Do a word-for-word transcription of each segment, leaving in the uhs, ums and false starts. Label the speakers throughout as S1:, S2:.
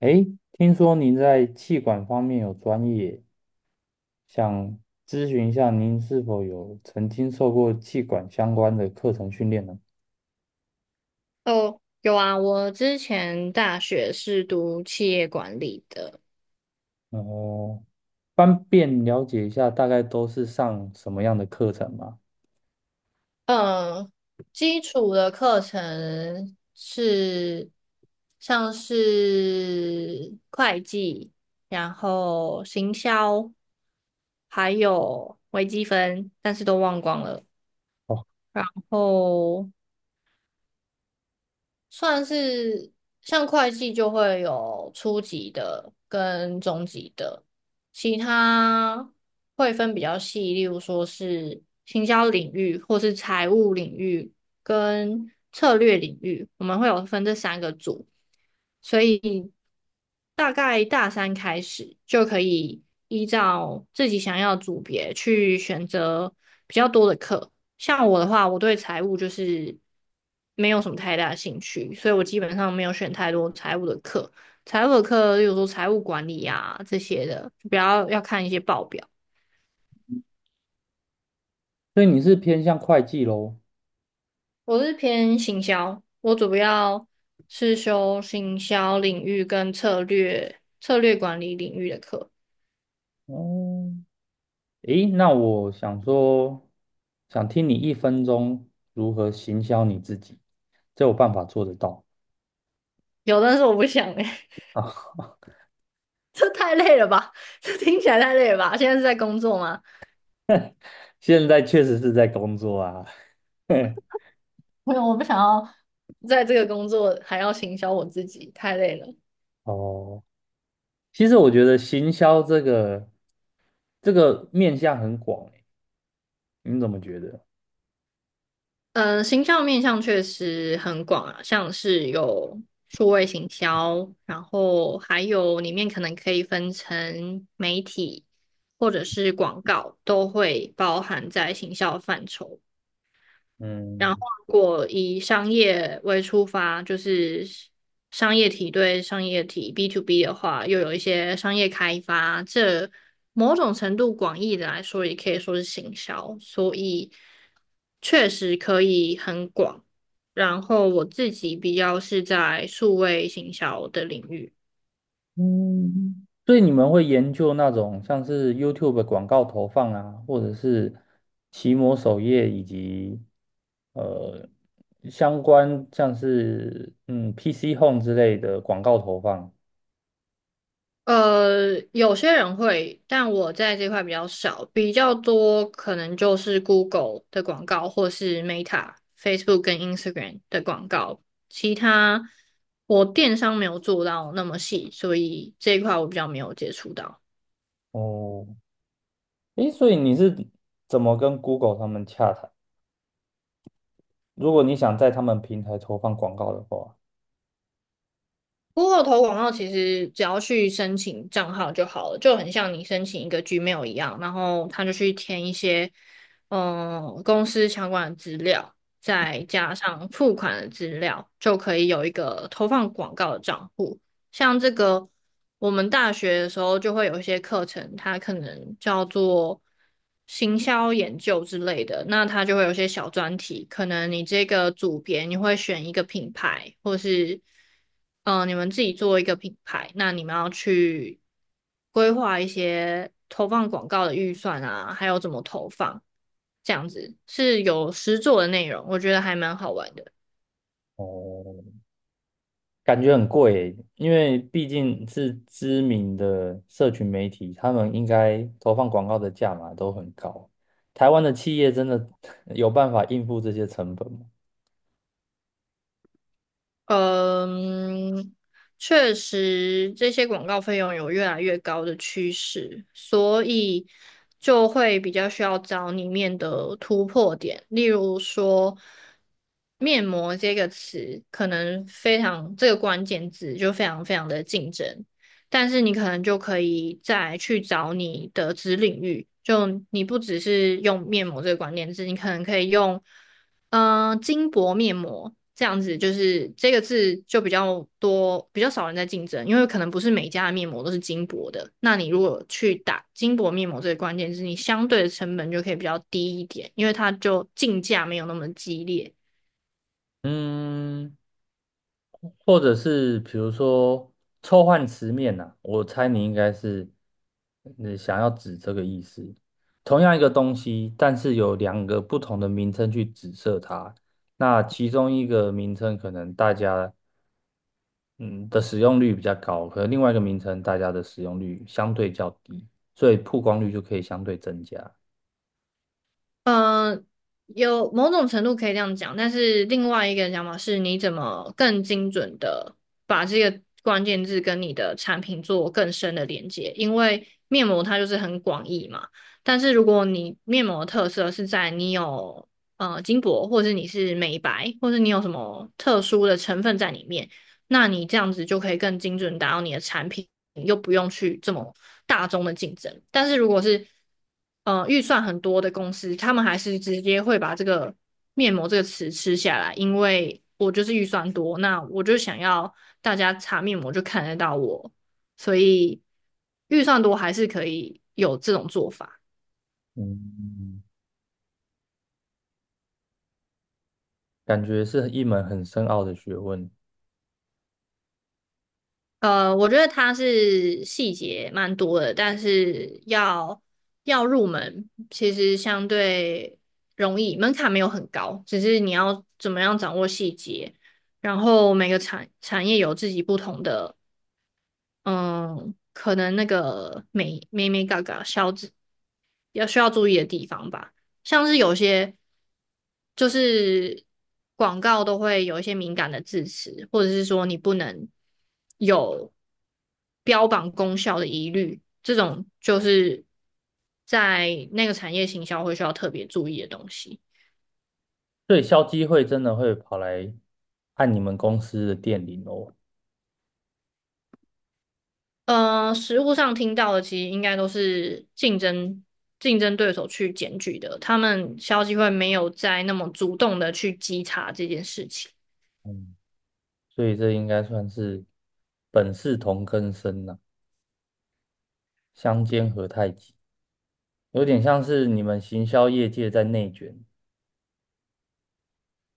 S1: 诶，听说您在气管方面有专业，想咨询一下您是否有曾经受过气管相关的课程训练呢？
S2: 哦，有啊，我之前大学是读企业管理的，
S1: 哦，方便了解一下大概都是上什么样的课程吗？
S2: 嗯，基础的课程是像是会计，然后行销，还有微积分，但是都忘光了。
S1: 哦，
S2: 然后算是像会计就会有初级的跟中级的，其他会分比较细，例如说是行销领域或是财务领域跟策略领域，我们会有分这三个组，所以大概大三开始就可以依照自己想要的组别去选择比较多的课。像我的话，我对财务就是没有什么太大的兴趣，所以我基本上没有选太多财务的课。财务的课，例如说财务管理啊这些的，就比较要看一些报表。
S1: 所以你是偏向会计喽？
S2: 我是偏行销，我主要是修行销领域跟策略、策略管理领域的课。
S1: 哦，诶，那我想说，想听你一分钟如何行销你自己，这有办法做得到
S2: 有，但是我不想哎、
S1: 啊？
S2: 这太累了吧？这听起来太累了吧？现在是在工作吗？
S1: 现在确实是在工作啊。
S2: 没有，我不想要在这个工作还要行销我自己，太累了。
S1: 哦，其实我觉得行销这个这个面向很广欸，你怎么觉得？
S2: 嗯，行销面向确实很广啊，像是有数位行销，然后还有里面可能可以分成媒体或者是广告，都会包含在行销范畴。然后，
S1: 嗯，
S2: 如果以商业为出发，就是商业体对商业体 B to B 的话，又有一些商业开发，这某种程度广义的来说，也可以说是行销，所以确实可以很广。然后我自己比较是在数位行销的领域。
S1: 所以你们会研究那种像是 YouTube 的广告投放啊，或者是奇摩首页以及呃相关像是嗯 P C Home 之类的广告投放。
S2: 呃，有些人会，但我在这块比较少，比较多可能就是 Google 的广告，或是 Meta、Facebook 跟 Instagram 的广告。其他我电商没有做到那么细，所以这一块我比较没有接触到。
S1: 哦，诶，所以你是怎么跟 Google 他们洽谈？如果你想在他们平台投放广告的话，
S2: 不过投广告其实只要去申请账号就好了，就很像你申请一个 Gmail 一样，然后他就去填一些嗯、呃公司相关的资料，再加上付款的资料，就可以有一个投放广告的账户。像这个，我们大学的时候就会有一些课程，它可能叫做行销研究之类的，那它就会有一些小专题，可能你这个组别你会选一个品牌，或是嗯、呃你们自己做一个品牌，那你们要去规划一些投放广告的预算啊，还有怎么投放，这样子是有实作的内容，我觉得还蛮好玩的。
S1: 哦，感觉很贵欸因为毕竟是知名的社群媒体，他们应该投放广告的价码都很高。台湾的企业真的 有办法应付这些成本吗？
S2: 嗯，确实，这些广告费用有越来越高的趋势，所以就会比较需要找里面的突破点。例如说，面膜这个词，可能非常这个关键字就非常非常的竞争，但是你可能就可以再去找你的子领域，就你不只是用面膜这个关键字，你可能可以用呃金箔面膜这样子，就是这个字就比较多，比较少人在竞争，因为可能不是每家的面膜都是金箔的。那你如果去打金箔面膜这个关键字，你相对的成本就可以比较低一点，因为它就竞价没有那么激烈。
S1: 嗯，或者是比如说臭换词面呐、我猜你应该是呃想要指这个意思。同样一个东西，但是有两个不同的名称去指涉它，那其中一个名称可能大家嗯的使用率比较高，可能另外一个名称大家的使用率相对较低，所以曝光率就可以相对增加。
S2: 嗯，有某种程度可以这样讲，但是另外一个讲法是，你怎么更精准的把这个关键字跟你的产品做更深的连接？因为面膜它就是很广义嘛，但是如果你面膜的特色是在你有呃金箔，或是你是美白，或是你有什么特殊的成分在里面，那你这样子就可以更精准地达到你的产品。又不用去这么大众的竞争。但是如果是呃预算很多的公司，他们还是直接会把这个面膜这个词吃下来，因为我就是预算多，那我就想要大家擦面膜就看得到我，所以预算多还是可以有这种做法。
S1: 嗯，感觉是一门很深奥的学问，
S2: 呃，我觉得它是细节蛮多的，但是要要入门，其实相对容易，门槛没有很高，只是你要怎么样掌握细节，然后每个产产业有自己不同的嗯，可能那个美美美嘎嘎消脂要需要注意的地方吧，像是有些就是广告都会有一些敏感的字词，或者是说你不能有标榜功效的疑虑，这种就是在那个产业行销会需要特别注意的东西。
S1: 所以消基会真的会跑来按你们公司的电铃哦。
S2: 呃，实务上听到的其实应该都是竞争竞争对手去检举的，他们消基会没有在那么主动的去稽查这件事情。
S1: 嗯，所以这应该算是本是同根生呐、相煎何太急，有点像是你们行销业界在内卷。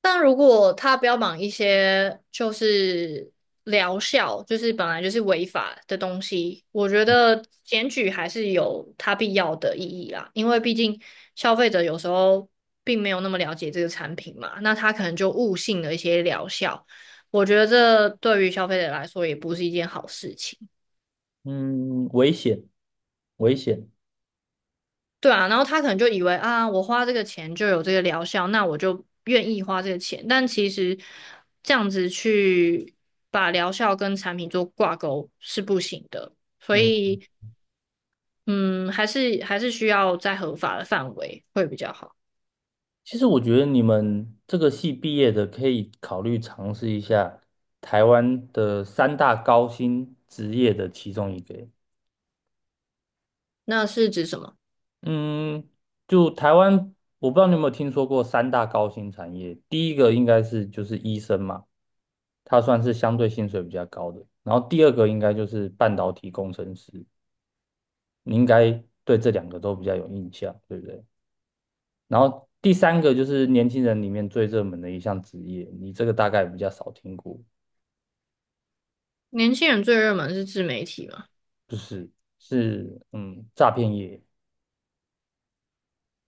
S2: 但如果他标榜一些就是疗效，就是本来就是违法的东西，我觉得检举还是有它必要的意义啦。因为毕竟消费者有时候并没有那么了解这个产品嘛，那他可能就误信了一些疗效。我觉得这对于消费者来说也不是一件好事情。
S1: 嗯，危险，危险。
S2: 对啊，然后他可能就以为啊，我花这个钱就有这个疗效，那我就愿意花这个钱。但其实这样子去把疗效跟产品做挂钩是不行的，所
S1: 嗯。
S2: 以嗯，还是还是需要在合法的范围会比较好。
S1: 其实我觉得你们这个系毕业的可以考虑尝试一下台湾的三大高薪职业的其中一个欸
S2: 那是指什么？
S1: 嗯，就台湾，我不知道你有没有听说过三大高薪产业。第一个应该是就是医生嘛，他算是相对薪水比较高的。然后第二个应该就是半导体工程师，你应该对这两个都比较有印象，对不对？然后第三个就是年轻人里面最热门的一项职业，你这个大概比较少听过。
S2: 年轻人最热门是自媒体吗？
S1: 就是是嗯，诈骗业。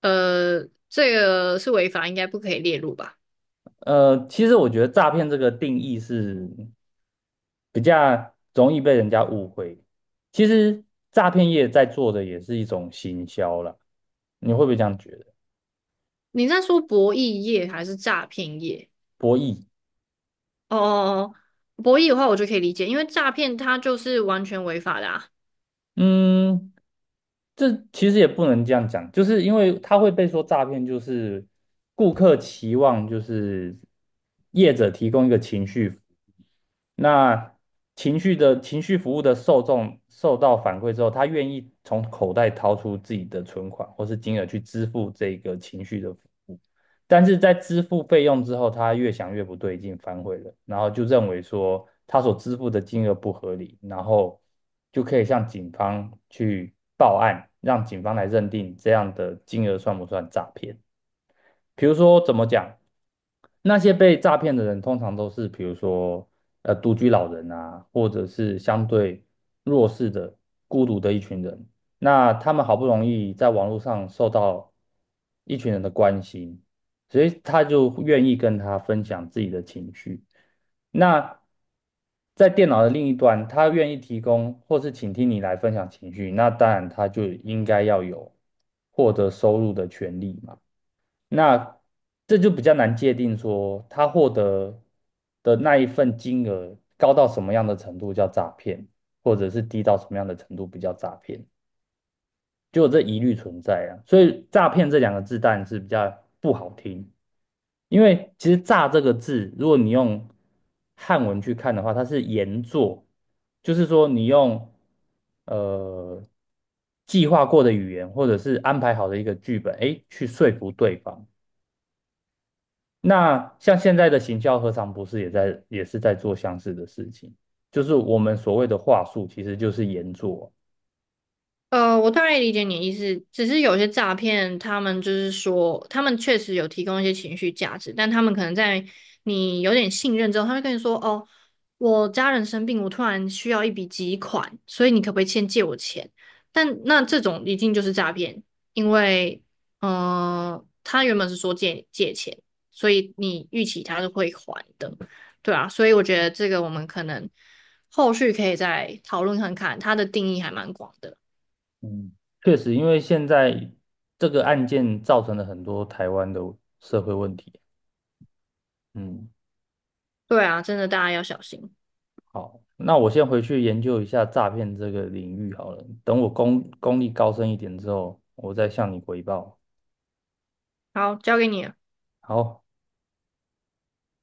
S2: 呃，这个是违法，应该不可以列入吧？
S1: 呃，其实我觉得诈骗这个定义是比较容易被人家误会。其实诈骗业在做的也是一种行销啦，你会不会这样觉得？
S2: 你在说博弈业还是诈骗业？
S1: 博弈。
S2: 哦哦哦，哦博弈的话我就可以理解，因为诈骗它就是完全违法的啊。
S1: 嗯，这其实也不能这样讲，就是因为他会被说诈骗，就是顾客期望就是业者提供一个情绪服务，那情绪的情绪服务的受众受到反馈之后，他愿意从口袋掏出自己的存款或是金额去支付这个情绪的服务。但是在支付费用之后，他越想越不对劲，反悔了，然后就认为说他所支付的金额不合理，然后就可以向警方去报案，让警方来认定这样的金额算不算诈骗。比如说怎么讲，那些被诈骗的人通常都是比如说呃独居老人啊，或者是相对弱势的、孤独的一群人。那他们好不容易在网络上受到一群人的关心，所以他就愿意跟他分享自己的情绪。那在电脑的另一端，他愿意提供或是倾听你来分享情绪，那当然他就应该要有获得收入的权利嘛。那这就比较难界定说他获得的那一份金额高到什么样的程度叫诈骗，或者是低到什么样的程度不叫诈骗，就有这疑虑存在啊。所以诈骗这两个字当然是比较不好听，因为其实“诈”这个字，如果你用汉文去看的话，它是言作，就是说你用呃计划过的语言或者是安排好的一个剧本，哎，去说服对方。那像现在的行销何尝不是也在也是在做相似的事情？就是我们所谓的话术，其实就是言做。
S2: 呃，我大概理解你的意思，只是有些诈骗，他们就是说，他们确实有提供一些情绪价值，但他们可能在你有点信任之后，他会跟你说：“哦，我家人生病，我突然需要一笔急款，所以你可不可以先借我钱？”但那这种一定就是诈骗，因为，呃，他原本是说借借钱，所以你预期他是会还的，对啊，所以我觉得这个我们可能后续可以再讨论看看，它的定义还蛮广的。
S1: 嗯，确实，因为现在这个案件造成了很多台湾的社会问题。嗯，
S2: 对啊，真的大家要小心。
S1: 好，那我先回去研究一下诈骗这个领域好了。等我功功力高深一点之后，我再向你回报。
S2: 好，交给你了。
S1: 好。